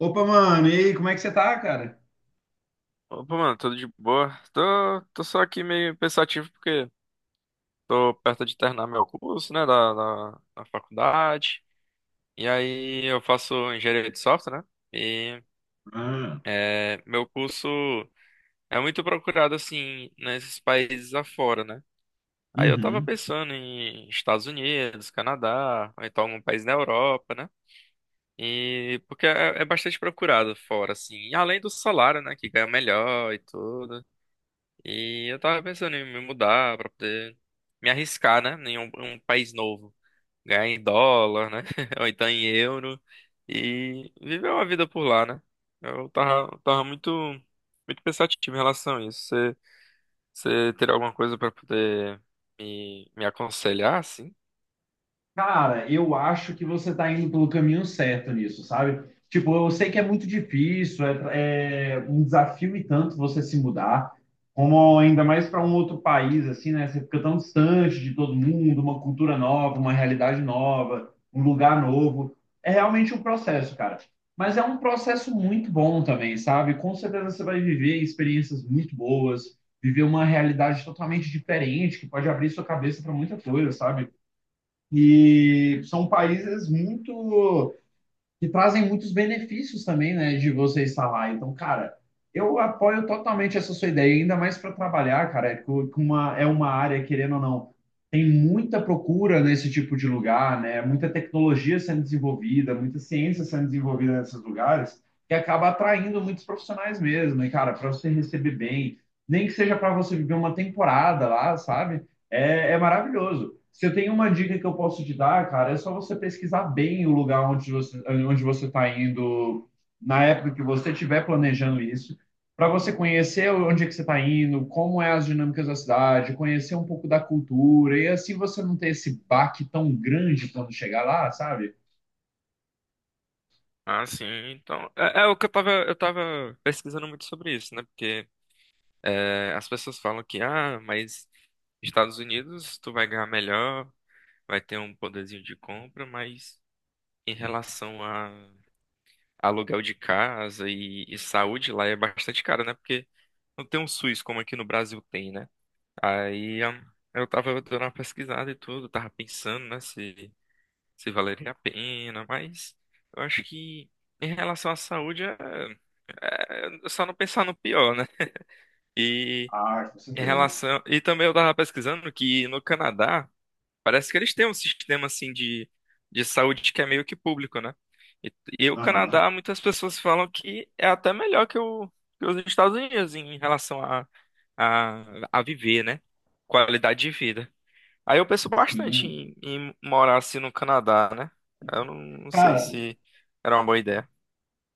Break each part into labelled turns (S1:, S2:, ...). S1: Opa, mano, e aí, como é que você tá, cara?
S2: Opa, mano, tudo de boa? Tô só aqui meio pensativo porque tô perto de terminar meu curso, né, da faculdade. E aí eu faço engenharia de software, né? E
S1: Ah,
S2: meu curso é muito procurado, assim, nesses países afora, né? Aí eu tava
S1: uhum.
S2: pensando em Estados Unidos, Canadá, ou então algum país na Europa, né? E porque é bastante procurado fora, assim. E além do salário, né, que ganha melhor e tudo. E eu tava pensando em me mudar pra poder me arriscar, né? Em um país novo. Ganhar em dólar, né? Ou então em euro. E viver uma vida por lá, né? Eu tava, tava muito, muito pensativo em relação a isso. Você teria alguma coisa pra poder me aconselhar, assim?
S1: Cara, eu acho que você está indo pelo caminho certo nisso, sabe? Tipo, eu sei que é muito difícil, é um desafio e tanto você se mudar, como ainda mais para um outro país, assim, né? Você fica tão distante de todo mundo, uma cultura nova, uma realidade nova, um lugar novo. É realmente um processo, cara. Mas é um processo muito bom também, sabe? Com certeza você vai viver experiências muito boas, viver uma realidade totalmente diferente, que pode abrir sua cabeça para muita coisa, sabe? E são países muito que trazem muitos benefícios também, né, de você estar lá. Então, cara, eu apoio totalmente essa sua ideia, ainda mais para trabalhar, cara, com uma, é uma área, querendo ou não, tem muita procura nesse tipo de lugar, né? Muita tecnologia sendo desenvolvida, muita ciência sendo desenvolvida nesses lugares, que acaba atraindo muitos profissionais mesmo. E, cara, para você receber bem, nem que seja para você viver uma temporada lá, sabe? É maravilhoso. Se eu tenho uma dica que eu posso te dar, cara, é só você pesquisar bem o lugar onde você está indo na época que você estiver planejando isso, para você conhecer onde é que você está indo, como é as dinâmicas da cidade, conhecer um pouco da cultura e assim você não ter esse baque tão grande quando chegar lá, sabe?
S2: Ah, sim. Então, é o que eu tava pesquisando muito sobre isso, né? Porque é, as pessoas falam que, ah, mas Estados Unidos, tu vai ganhar melhor. Vai ter um poderzinho de compra, mas em relação a aluguel de casa e saúde lá é bastante caro, né? Porque não tem um SUS como aqui no Brasil tem, né? Aí eu tava dando uma pesquisada e tudo, tava pensando, né, se valeria a pena, mas eu acho que em relação à saúde é só não pensar no pior, né? E
S1: Ah, com
S2: em
S1: certeza.
S2: relação. E também eu tava pesquisando que no Canadá. Parece que eles têm um sistema assim de saúde que é meio que público, né? E, e o
S1: Aham.
S2: Canadá, muitas pessoas falam que é até melhor que os Estados Unidos em relação a, a viver, né? Qualidade de vida. Aí eu penso bastante
S1: Sim.
S2: em morar assim no Canadá, né? Eu não sei
S1: Cara,
S2: se era uma boa ideia.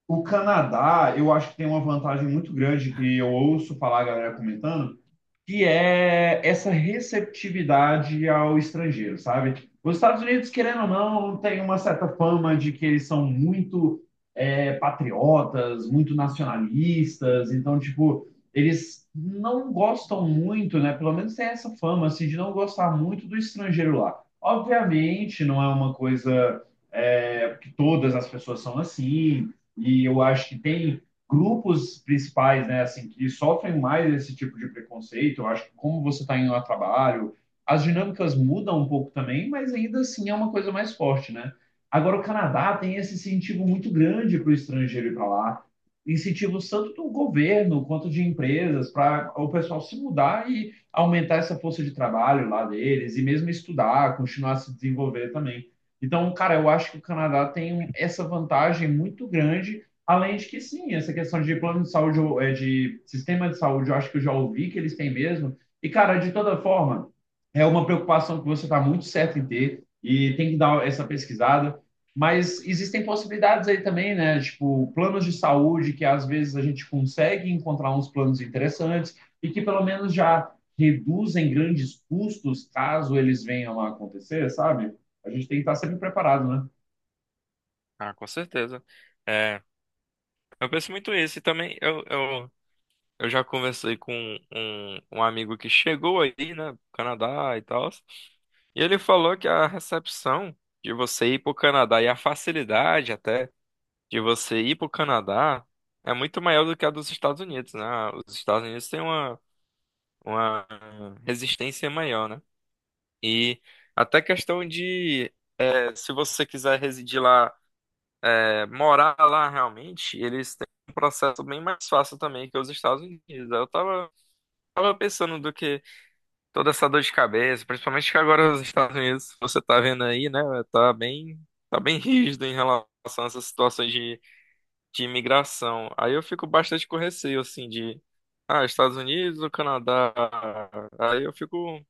S1: o Canadá, eu acho que tem uma vantagem muito grande que eu ouço falar a galera comentando, que é essa receptividade ao estrangeiro, sabe? Os Estados Unidos, querendo ou não, tem uma certa fama de que eles são muito patriotas, muito nacionalistas, então, tipo, eles não gostam muito, né? Pelo menos tem essa fama, assim, de não gostar muito do estrangeiro lá. Obviamente, não é uma coisa que todas as pessoas são assim, e eu acho que tem grupos principais, né, assim, que sofrem mais esse tipo de preconceito. Eu acho que como você está indo a trabalho, as dinâmicas mudam um pouco também, mas ainda assim é uma coisa mais forte, né? Agora, o Canadá tem esse incentivo muito grande para o estrangeiro ir para lá, incentivos tanto do governo quanto de empresas para o pessoal se mudar e aumentar essa força de trabalho lá deles, e mesmo estudar, continuar a se desenvolver também. Então, cara, eu acho que o Canadá tem essa vantagem muito grande. Além de que, sim, essa questão de plano de saúde, é, de sistema de saúde, eu acho que eu já ouvi que eles têm mesmo. E, cara, de toda forma, é uma preocupação que você está muito certo em ter e tem que dar essa pesquisada. Mas existem possibilidades aí também, né? Tipo, planos de saúde que às vezes a gente consegue encontrar uns planos interessantes e que pelo menos já reduzem grandes custos caso eles venham a acontecer, sabe? A gente tem que estar sempre preparado, né?
S2: Ah, com certeza. É, eu penso muito isso. E também eu já conversei com um amigo que chegou aí, né, pro Canadá e tal, e ele falou que a recepção de você ir pro Canadá e a facilidade até de você ir pro Canadá é muito maior do que a dos Estados Unidos, né? Ah, os Estados Unidos têm uma resistência maior, né? E até questão de, se você quiser residir lá, morar lá realmente, eles têm um processo bem mais fácil também que os Estados Unidos. Eu tava. Tava pensando do que toda essa dor de cabeça, principalmente que agora os Estados Unidos, você tá vendo aí, né, tá bem, tá bem rígido em relação a essas situações de imigração. Aí eu fico bastante com receio, assim, de, ah, Estados Unidos ou Canadá? Aí eu fico,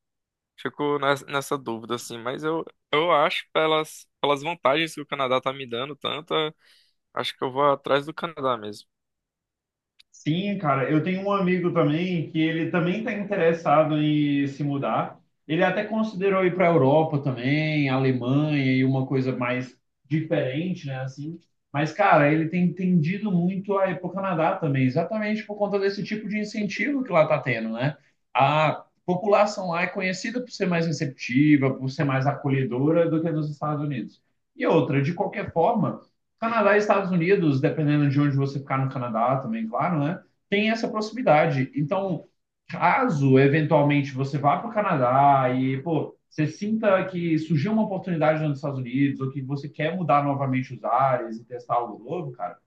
S2: fico nessa dúvida, assim, eu acho, pelas vantagens que o Canadá tá me dando tanto, acho que eu vou atrás do Canadá mesmo.
S1: Sim, cara, eu tenho um amigo também que ele também está interessado em se mudar. Ele até considerou ir para a Europa também, Alemanha e uma coisa mais diferente, né, assim. Mas, cara, ele tem tendido muito a ir para o Canadá também, exatamente por conta desse tipo de incentivo que lá está tendo, né? A população lá é conhecida por ser mais receptiva, por ser mais acolhedora do que nos Estados Unidos. E outra, de qualquer forma Canadá e Estados Unidos, dependendo de onde você ficar no Canadá também, claro, né? Tem essa proximidade. Então, caso eventualmente você vá para o Canadá e, pô, você sinta que surgiu uma oportunidade nos Estados Unidos ou que você quer mudar novamente os ares e testar algo novo, cara,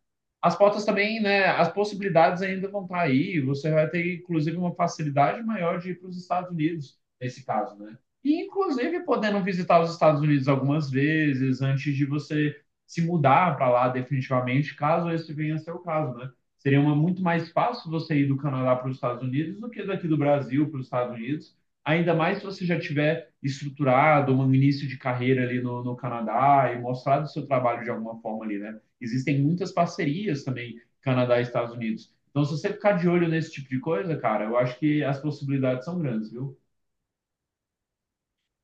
S1: as pautas também, né? As possibilidades ainda vão estar aí. Você vai ter, inclusive, uma facilidade maior de ir para os Estados Unidos, nesse caso, né? E, inclusive, podendo visitar os Estados Unidos algumas vezes antes de você se mudar para lá definitivamente, caso esse venha a ser o caso, né? Seria muito mais fácil você ir do Canadá para os Estados Unidos do que daqui do Brasil para os Estados Unidos, ainda mais se você já tiver estruturado um início de carreira ali no Canadá e mostrado o seu trabalho de alguma forma ali, né? Existem muitas parcerias também, Canadá e Estados Unidos. Então, se você ficar de olho nesse tipo de coisa, cara, eu acho que as possibilidades são grandes, viu?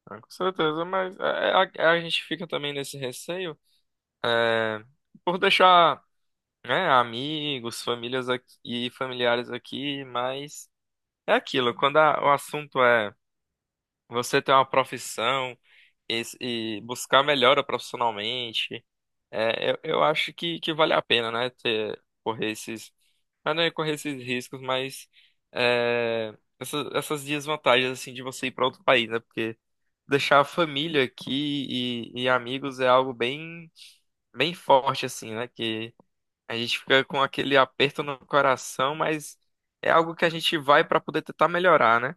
S2: Né, com certeza, mas a gente fica também nesse receio, eh, por deixar, né, amigos, famílias aqui, e familiares aqui, mas é aquilo, quando o assunto é você ter uma profissão e buscar melhora profissionalmente, é, eu acho que vale a pena, né, ter, correr esses, ah, não é correr esses riscos, mas é, essas desvantagens, assim, de você ir para outro país, né, porque deixar a família aqui e amigos é algo bem forte, assim, né, a gente fica com aquele aperto no coração, mas é algo que a gente vai para poder tentar melhorar, né?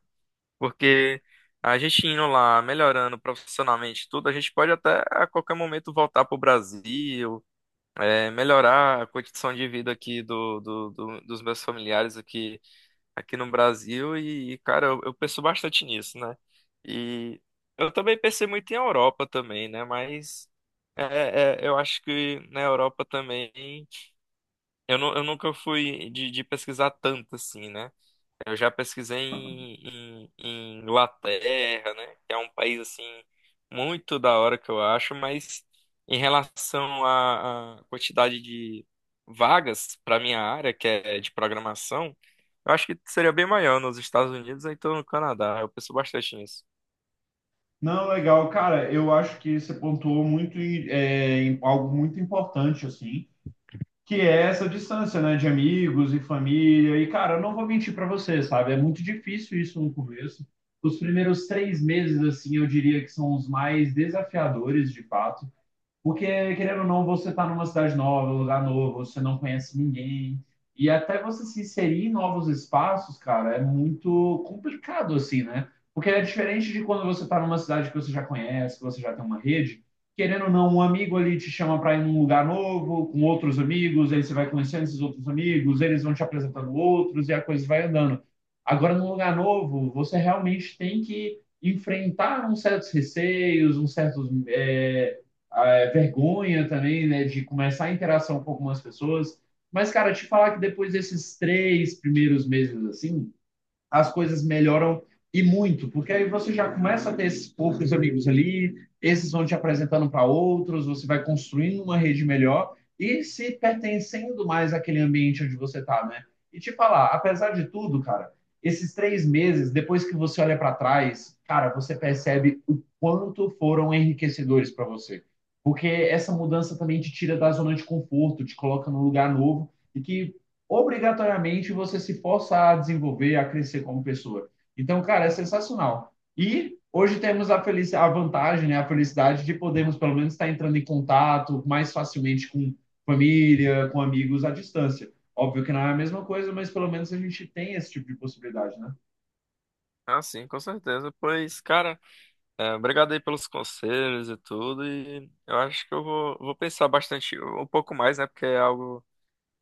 S2: Porque a gente indo lá, melhorando profissionalmente tudo, a gente pode até a qualquer momento voltar para o Brasil, é, melhorar a condição de vida aqui dos meus familiares aqui, aqui no Brasil. E, cara, eu penso bastante nisso, né? E eu também pensei muito em Europa também, né? Mas eu acho que na Europa também. Eu nunca fui de pesquisar tanto assim, né? Eu já pesquisei em Inglaterra, né? Que é um país assim muito da hora que eu acho, mas em relação à quantidade de vagas para minha área, que é de programação, eu acho que seria bem maior nos Estados Unidos, ou então no Canadá. Eu penso bastante nisso.
S1: Não, legal, cara. Eu acho que você pontuou muito em, é, em algo muito importante, assim, que é essa distância, né, de amigos e família. E, cara, eu não vou mentir para você, sabe? É muito difícil isso no começo. Os primeiros 3 meses, assim, eu diria que são os mais desafiadores, de fato. Porque, querendo ou não, você está numa cidade nova, num lugar novo, você não conhece ninguém. E até você se inserir em novos espaços, cara, é muito complicado, assim, né? Porque é diferente de quando você está numa cidade que você já conhece, que você já tem uma rede. Querendo ou não, um amigo ali te chama para ir num lugar novo, com outros amigos, aí você vai conhecendo esses outros amigos, eles vão te apresentando outros e a coisa vai andando. Agora, num lugar novo, você realmente tem que enfrentar uns certos receios, uns certos, vergonha também, né, de começar a interação com algumas pessoas. Mas, cara, te falar que depois desses 3 primeiros meses, assim, as coisas melhoram e muito, porque aí você já começa a ter esses poucos amigos ali, esses vão te apresentando para outros, você vai construindo uma rede melhor e se pertencendo mais àquele ambiente onde você está, né? E te falar, apesar de tudo, cara, esses 3 meses, depois que você olha para trás, cara, você percebe o quanto foram enriquecedores para você. Essa mudança também te tira da zona de conforto, te coloca num lugar novo e que obrigatoriamente você se força a desenvolver, a crescer como pessoa. Então, cara, é sensacional. E hoje temos a, feliz, a vantagem, né, a felicidade de podermos pelo menos estar entrando em contato mais facilmente com família, com amigos à distância. Óbvio que não é a mesma coisa, mas pelo menos a gente tem esse tipo de possibilidade, né?
S2: Ah, sim, com certeza. Pois, cara. É, obrigado aí pelos conselhos e tudo. E eu acho que vou pensar bastante, um pouco mais, né? Porque é algo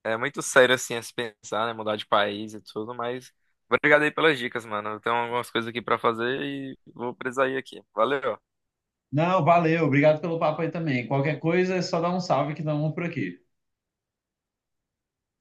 S2: é muito sério assim a se pensar, né? Mudar de país e tudo. Mas obrigado aí pelas dicas, mano. Eu tenho algumas coisas aqui pra fazer e vou precisar ir aqui. Valeu.
S1: Não, valeu, obrigado pelo papo aí também. Qualquer coisa é só dar um salve que dá um por aqui.